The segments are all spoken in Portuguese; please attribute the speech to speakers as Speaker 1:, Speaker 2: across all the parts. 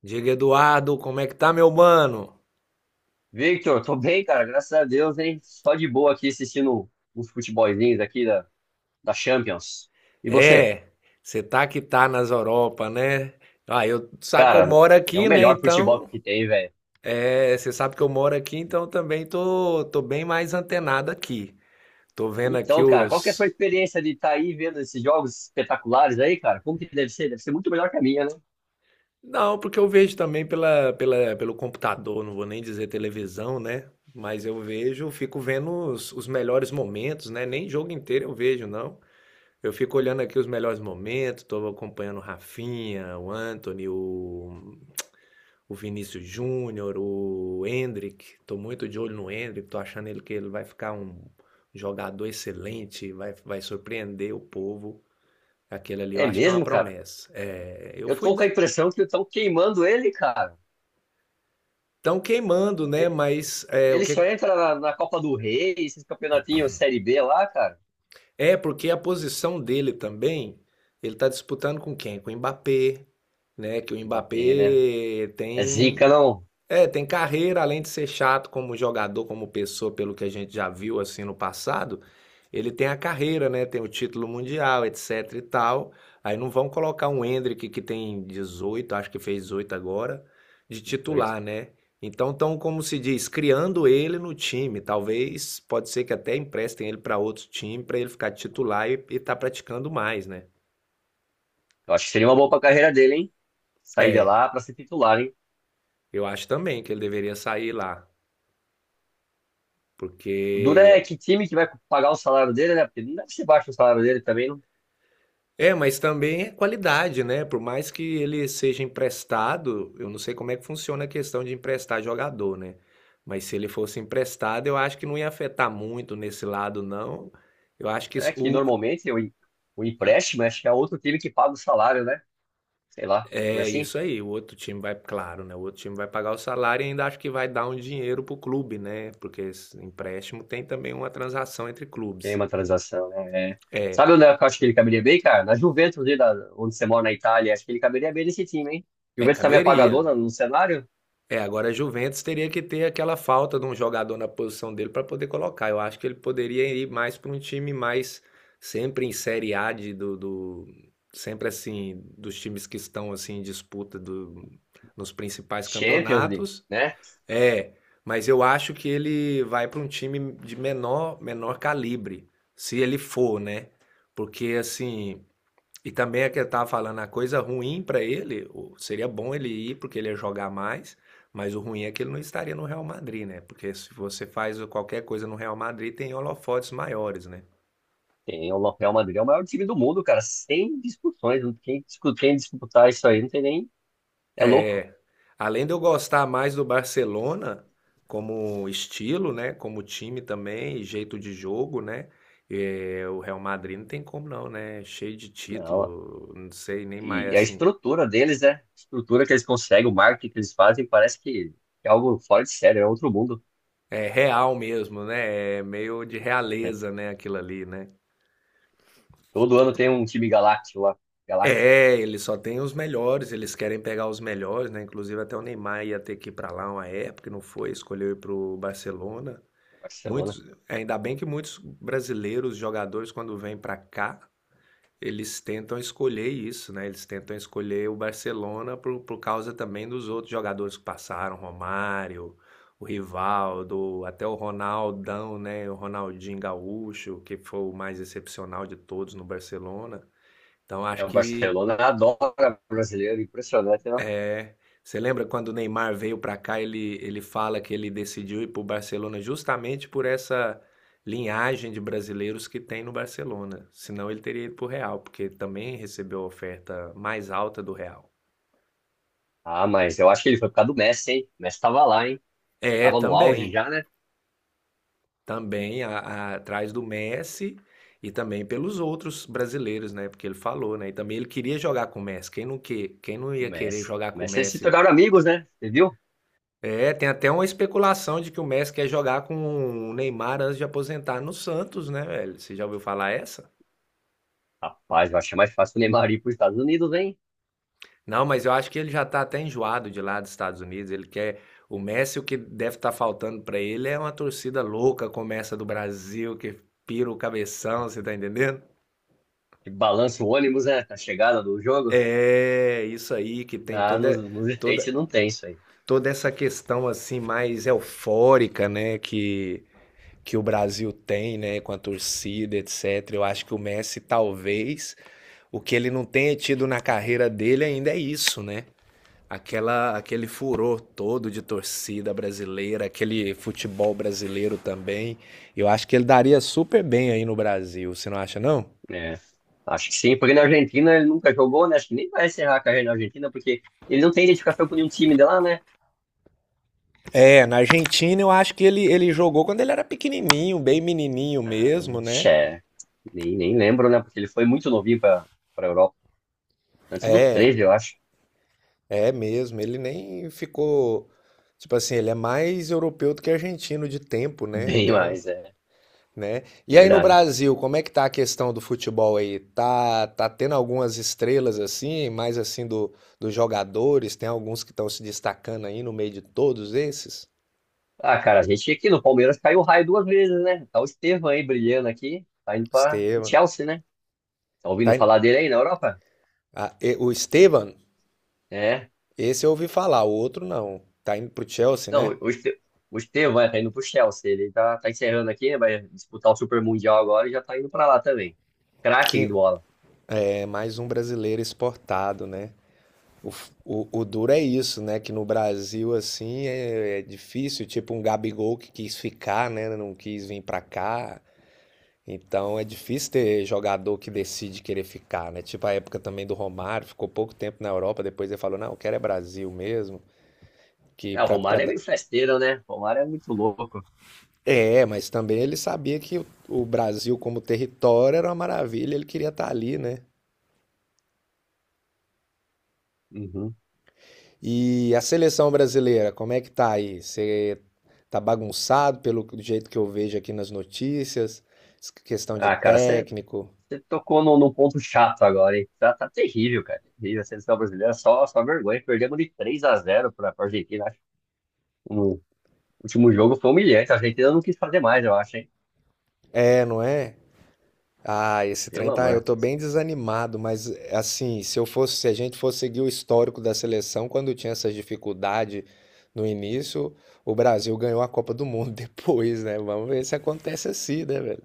Speaker 1: Diga, Eduardo, como é que tá, meu mano?
Speaker 2: Victor, tô bem, cara, graças a Deus, hein? Só de boa aqui assistindo uns futebolzinhos aqui da Champions. E você?
Speaker 1: É, você tá que tá nas Europa, né? Ah, eu sabe que eu
Speaker 2: Cara,
Speaker 1: moro
Speaker 2: é o
Speaker 1: aqui, né?
Speaker 2: melhor futebol
Speaker 1: Então,
Speaker 2: que tem, velho.
Speaker 1: é, você sabe que eu moro aqui, então também tô, bem mais antenado aqui. Tô vendo aqui
Speaker 2: Então, cara, qual que é a sua
Speaker 1: os.
Speaker 2: experiência de estar aí vendo esses jogos espetaculares aí, cara? Como que deve ser? Deve ser muito melhor que a minha, né?
Speaker 1: Não, porque eu vejo também pelo computador, não vou nem dizer televisão, né? Mas eu vejo, fico vendo os melhores momentos, né? Nem jogo inteiro eu vejo, não. Eu fico olhando aqui os melhores momentos, estou acompanhando o Rafinha, o Anthony, o Vinícius Júnior, o Endrick. Estou muito de olho no Endrick. Estou achando ele que ele vai ficar um jogador excelente, vai surpreender o povo. Aquele ali eu
Speaker 2: É
Speaker 1: acho que é uma
Speaker 2: mesmo, cara?
Speaker 1: promessa. É, eu
Speaker 2: Eu
Speaker 1: fui
Speaker 2: tô com a
Speaker 1: da...
Speaker 2: impressão que estão queimando ele, cara.
Speaker 1: tão queimando, né?
Speaker 2: E-
Speaker 1: Mas é, o
Speaker 2: Ele
Speaker 1: que
Speaker 2: só entra na Copa do Rei, esses campeonatinhos Série B lá, cara.
Speaker 1: é porque a posição dele também, ele está disputando com quem? Com o Mbappé, né? Que o
Speaker 2: Mbappé, né?
Speaker 1: Mbappé
Speaker 2: É zica,
Speaker 1: tem.
Speaker 2: não?
Speaker 1: É, tem carreira, além de ser chato como jogador, como pessoa, pelo que a gente já viu assim no passado, ele tem a carreira, né? Tem o título mundial, etc e tal. Aí não vão colocar um Endrick que tem 18, acho que fez 18 agora, de
Speaker 2: 18.
Speaker 1: titular, né? Então estão, como se diz, criando ele no time. Talvez, pode ser que até emprestem ele para outro time para ele ficar titular e estar praticando mais, né?
Speaker 2: Eu acho que seria uma boa pra carreira dele, hein? Sair de
Speaker 1: É,
Speaker 2: lá para ser titular, hein?
Speaker 1: eu acho também que ele deveria sair lá,
Speaker 2: O Dura é
Speaker 1: porque
Speaker 2: que time que vai pagar o salário dele, né? Porque não deve ser baixo o salário dele também, não.
Speaker 1: é, mas também é qualidade, né? Por mais que ele seja emprestado, eu não sei como é que funciona a questão de emprestar jogador, né? Mas se ele fosse emprestado, eu acho que não ia afetar muito nesse lado, não. Eu acho que isso,
Speaker 2: É que
Speaker 1: o-
Speaker 2: normalmente o empréstimo, acho que é outro time que paga o salário, né? Sei lá, não é
Speaker 1: é
Speaker 2: assim?
Speaker 1: isso aí. O outro time vai, claro, né? O outro time vai pagar o salário e ainda acho que vai dar um dinheiro pro clube, né? Porque esse empréstimo tem também uma transação entre
Speaker 2: Tem
Speaker 1: clubes.
Speaker 2: uma transação, né? É. Sabe onde eu acho que ele caberia bem, cara? Na Juventus, ali da, onde você mora na Itália, acho que ele caberia bem nesse time, hein?
Speaker 1: É,
Speaker 2: Juventus também é
Speaker 1: caberia.
Speaker 2: pagadora no cenário?
Speaker 1: É, agora a Juventus teria que ter aquela falta de um jogador na posição dele para poder colocar. Eu acho que ele poderia ir mais para um time mais sempre em Série A sempre assim dos times que estão assim em disputa do, nos principais
Speaker 2: Champions League,
Speaker 1: campeonatos.
Speaker 2: né?
Speaker 1: É, mas eu acho que ele vai para um time de menor calibre, se ele for, né? Porque assim, e também é que eu tava falando, a coisa ruim para ele, o- seria bom ele ir porque ele ia jogar mais, mas o ruim é que ele não estaria no Real Madrid, né? Porque se você faz qualquer coisa no Real Madrid, tem holofotes maiores, né?
Speaker 2: Tem o Real Madrid, é o maior time do mundo, cara, sem discussões, não tem, quem disputar isso aí, não tem nem. É louco.
Speaker 1: É, além de eu gostar mais do Barcelona como estilo, né? Como time também, e jeito de jogo, né? É, o Real Madrid não tem como não, né? Cheio de
Speaker 2: Não.
Speaker 1: título, não sei nem mais
Speaker 2: E a
Speaker 1: assim.
Speaker 2: estrutura deles, né? A estrutura que eles conseguem, o marketing que eles fazem, parece que é algo fora de série, é outro mundo.
Speaker 1: É real mesmo, né? É meio de realeza, né? Aquilo ali, né?
Speaker 2: Todo ano tem um time galáctico lá, galáctico.
Speaker 1: É, eles só têm os melhores, eles querem pegar os melhores, né? Inclusive até o Neymar ia ter que ir para lá uma época, e não foi, escolheu ir para o Barcelona.
Speaker 2: Barcelona.
Speaker 1: Muitos, ainda bem que muitos brasileiros jogadores quando vêm para cá, eles tentam escolher isso, né? Eles tentam escolher o Barcelona por causa também dos outros jogadores que passaram, Romário, o Rivaldo, até o Ronaldão, né? O Ronaldinho Gaúcho, que foi o mais excepcional de todos no Barcelona. Então acho
Speaker 2: É, o
Speaker 1: que
Speaker 2: Barcelona adora brasileiro, impressionante, né?
Speaker 1: você lembra quando o Neymar veio para cá, ele fala que ele decidiu ir para o Barcelona justamente por essa linhagem de brasileiros que tem no Barcelona. Senão ele teria ido para o Real, porque também recebeu a oferta mais alta do Real.
Speaker 2: Ah, mas eu acho que ele foi por causa do Messi, hein? O Messi tava lá, hein?
Speaker 1: É,
Speaker 2: Tava no auge
Speaker 1: também.
Speaker 2: já, né?
Speaker 1: Também atrás do Messi e também pelos outros brasileiros, né? Porque ele falou, né? E também ele queria jogar com o Messi. Quem não
Speaker 2: O
Speaker 1: ia querer
Speaker 2: Messi.
Speaker 1: jogar
Speaker 2: O
Speaker 1: com o
Speaker 2: Messi eles se
Speaker 1: Messi?
Speaker 2: tornaram amigos, né? Você viu?
Speaker 1: É, tem até uma especulação de que o Messi quer jogar com o Neymar antes de aposentar no Santos, né, velho? Você já ouviu falar essa?
Speaker 2: Rapaz, eu achei mais fácil o Neymar ir pros Estados Unidos, hein?
Speaker 1: Não, mas eu acho que ele já tá até enjoado de lá dos Estados Unidos. Ele quer. O Messi, o que deve estar faltando pra ele é uma torcida louca, como essa do Brasil, que pira o cabeção, você tá entendendo?
Speaker 2: Que balança o ônibus, né? A chegada do jogo.
Speaker 1: É, isso aí, que tem
Speaker 2: Ah, nos,
Speaker 1: toda,
Speaker 2: nos
Speaker 1: toda,
Speaker 2: States não tem isso aí.
Speaker 1: toda essa questão assim mais eufórica, né? Que o Brasil tem, né, com a torcida, etc. Eu acho que o Messi talvez o que ele não tenha tido na carreira dele ainda é isso, né? Aquele furor todo de torcida brasileira, aquele futebol brasileiro também. Eu acho que ele daria super bem aí no Brasil, você não acha, não?
Speaker 2: É, acho que sim, porque na Argentina ele nunca jogou, né? Acho que nem vai encerrar a carreira na Argentina, porque ele não tem identificação com nenhum time de lá, né?
Speaker 1: É, na Argentina eu acho que ele jogou quando ele era pequenininho, bem menininho
Speaker 2: Ah,
Speaker 1: mesmo, né?
Speaker 2: xé. Nem lembro, né? Porque ele foi muito novinho pra Europa. Antes do
Speaker 1: É,
Speaker 2: 13, eu acho.
Speaker 1: É mesmo, ele nem ficou. Tipo assim, ele é mais europeu do que argentino de tempo, né?
Speaker 2: Bem
Speaker 1: Então,
Speaker 2: mais, é
Speaker 1: né? E aí no
Speaker 2: verdade.
Speaker 1: Brasil, como é que tá a questão do futebol aí? Tá tendo algumas estrelas assim, mais assim dos jogadores? Tem alguns que estão se destacando aí no meio de todos esses?
Speaker 2: Ah, cara, a gente aqui no Palmeiras caiu o raio duas vezes, né? Tá o Estevão aí brilhando aqui, tá indo pra o
Speaker 1: Esteban.
Speaker 2: Chelsea, né? Tá
Speaker 1: Tá
Speaker 2: ouvindo falar
Speaker 1: in-
Speaker 2: dele aí na Europa?
Speaker 1: o Esteban,
Speaker 2: É.
Speaker 1: esse eu ouvi falar, o outro não. Tá indo pro Chelsea, né?
Speaker 2: Não, o Este- O Estevão vai tá indo pro Chelsea. Ele tá encerrando aqui, né? Vai disputar o Super Mundial agora e já tá indo pra lá também. Craque
Speaker 1: Que
Speaker 2: de bola.
Speaker 1: é mais um brasileiro exportado, né? O duro é isso, né? Que no Brasil, assim, é difícil. Tipo um Gabigol que quis ficar, né? Não quis vir pra cá. Então é difícil ter jogador que decide querer ficar, né? Tipo a época também do Romário, ficou pouco tempo na Europa, depois ele falou, não, eu quero é Brasil mesmo. Que
Speaker 2: É, o
Speaker 1: pra, pra...
Speaker 2: Romário é
Speaker 1: da-
Speaker 2: meio festeiro, né? O Romário é muito louco.
Speaker 1: é, mas também ele sabia que o Brasil como território era uma maravilha, ele queria estar ali, né?
Speaker 2: Uhum.
Speaker 1: E a seleção brasileira, como é que tá aí? Você tá bagunçado pelo jeito que eu vejo aqui nas notícias? Questão de
Speaker 2: Ah, cara, você
Speaker 1: técnico.
Speaker 2: tocou num ponto chato agora, hein? Tá, tá terrível, cara. Terrível. A seleção brasileira só, só vergonha. Perdemos de 3-0 pra Argentina, acho. No último jogo foi humilhante. A Argentina não quis fazer mais, eu acho, hein?
Speaker 1: É, não é? Ah, esse trem
Speaker 2: Pelo
Speaker 1: tá. Eu
Speaker 2: amor.
Speaker 1: tô bem desanimado, mas assim, se eu fosse, se a gente fosse seguir o histórico da seleção, quando tinha essas dificuldades no início, o Brasil ganhou a Copa do Mundo depois, né? Vamos ver se acontece assim, né, velho?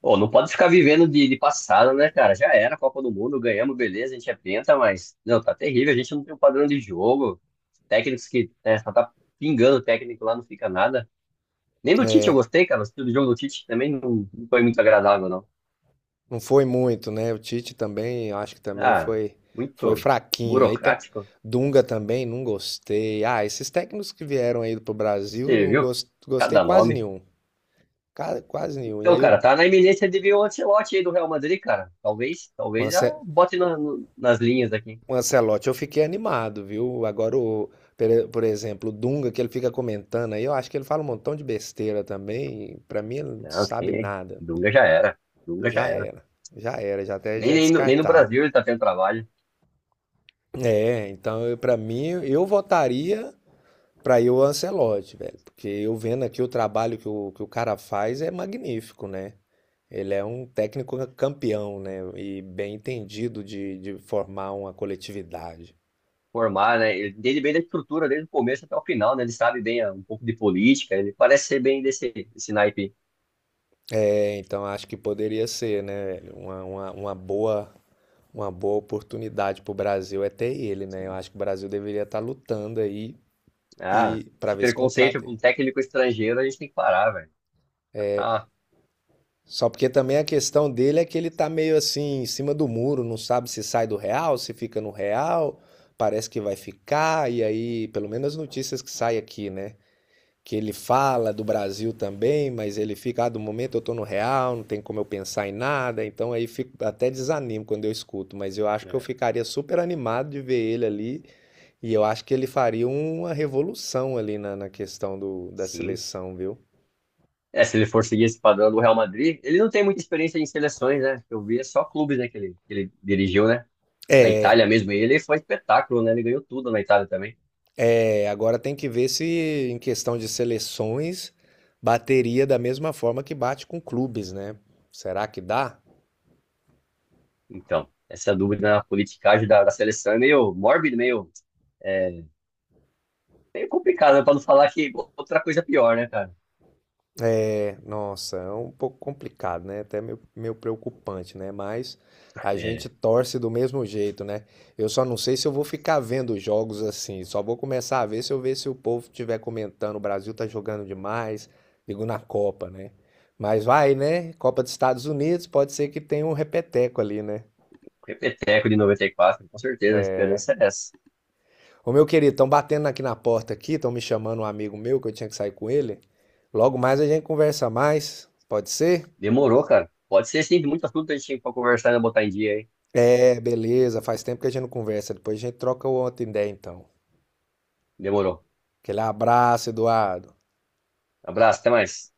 Speaker 2: Pô, não pode ficar vivendo de passado, né, cara? Já era a Copa do Mundo, ganhamos, beleza, a gente é penta, mas, não, tá terrível, a gente não tem um padrão de jogo. Técnicos que, né, só tá pingando o técnico lá, não fica nada. Nem do Tite eu gostei, cara, o estilo de jogo do Tite também não, não foi muito agradável, não.
Speaker 1: Não foi muito, né? O Tite também, eu acho que também
Speaker 2: Ah,
Speaker 1: foi
Speaker 2: muito
Speaker 1: fraquinho. E aí, tá-
Speaker 2: burocrático.
Speaker 1: Dunga também, não gostei. Ah, esses técnicos que vieram aí pro Brasil,
Speaker 2: Você
Speaker 1: não
Speaker 2: viu?
Speaker 1: gostei
Speaker 2: Cada
Speaker 1: quase
Speaker 2: nome.
Speaker 1: nenhum. Ca- quase nenhum. E
Speaker 2: Então,
Speaker 1: aí,
Speaker 2: cara, tá na iminência de vir o Ancelotti aí do Real Madrid, cara. Talvez,
Speaker 1: o
Speaker 2: talvez já
Speaker 1: Ance-
Speaker 2: bote nas linhas aqui.
Speaker 1: o Ancelotti, eu fiquei animado, viu? Agora, por exemplo, o Dunga, que ele fica comentando aí, eu acho que ele fala um montão de besteira também. E pra mim, ele não
Speaker 2: Não,
Speaker 1: sabe
Speaker 2: quem?
Speaker 1: nada.
Speaker 2: Dunga já era. Dunga já
Speaker 1: Já
Speaker 2: era.
Speaker 1: era. Já era, já até já é
Speaker 2: Nem no
Speaker 1: descartado.
Speaker 2: Brasil ele está tendo trabalho.
Speaker 1: É, então, eu- pra mim, eu votaria. Pra eu, o Ancelotti, velho. Porque eu vendo aqui o trabalho que o cara faz é magnífico, né? Ele é um técnico campeão, né? E bem entendido de formar uma coletividade.
Speaker 2: Formar, né? Ele entende bem da estrutura desde o começo até o final, né? Ele sabe bem, ah, um pouco de política, ele parece ser bem desse naipe.
Speaker 1: É, então acho que poderia ser, né, velho? Uma boa oportunidade pro Brasil é ter ele, né? Eu
Speaker 2: Sim.
Speaker 1: acho que o Brasil deveria estar lutando aí
Speaker 2: Ah,
Speaker 1: e para
Speaker 2: esse
Speaker 1: ver se
Speaker 2: preconceito
Speaker 1: contrata.
Speaker 2: com técnico estrangeiro a gente tem que parar, velho. Tá,
Speaker 1: Só porque também a questão dele é que ele tá meio assim, em cima do muro, não sabe se sai do Real, se fica no Real, parece que vai ficar, e aí, pelo menos as notícias que saem aqui, né? Que ele fala do Brasil também, mas ele fica, ah, do momento eu tô no Real, não tem como eu pensar em nada, então aí fico até desanimo quando eu escuto, mas eu acho que eu
Speaker 2: né?
Speaker 1: ficaria super animado de ver ele ali, e eu acho que ele faria uma revolução ali na questão da
Speaker 2: Sim.
Speaker 1: seleção, viu?
Speaker 2: É, se ele for seguir esse padrão do Real Madrid, ele não tem muita experiência em seleções, né? Eu vi é só clubes, né, que ele dirigiu, né? Na Itália mesmo, ele foi espetáculo, né? Ele ganhou tudo na Itália também.
Speaker 1: É, agora tem que ver se, em questão de seleções, bateria da mesma forma que bate com clubes, né? Será que dá?
Speaker 2: Então, essa dúvida na politicagem da seleção é meio mórbida, meio é, meio complicado, né? Pra não falar que outra coisa pior, né, cara?
Speaker 1: É, nossa, é um pouco complicado, né? Até meio preocupante, né? Mas a gente
Speaker 2: É,
Speaker 1: torce do mesmo jeito, né? Eu só não sei se eu vou ficar vendo jogos assim. Só vou começar a ver se eu ver se o povo estiver comentando. O Brasil tá jogando demais, digo na Copa, né? Mas vai, né? Copa dos Estados Unidos, pode ser que tenha um repeteco ali, né?
Speaker 2: o repeteco de 94, com certeza, a esperança é essa.
Speaker 1: Ô, meu querido, estão batendo aqui na porta aqui, estão me chamando um amigo meu que eu tinha que sair com ele. Logo mais a gente conversa mais, pode ser?
Speaker 2: Demorou, cara. Pode ser, sim, muito assunto a gente tem pra conversar e botar em dia aí.
Speaker 1: É, beleza, faz tempo que a gente não conversa, depois a gente troca outra ideia então.
Speaker 2: Demorou.
Speaker 1: Aquele abraço, Eduardo.
Speaker 2: Abraço, até mais.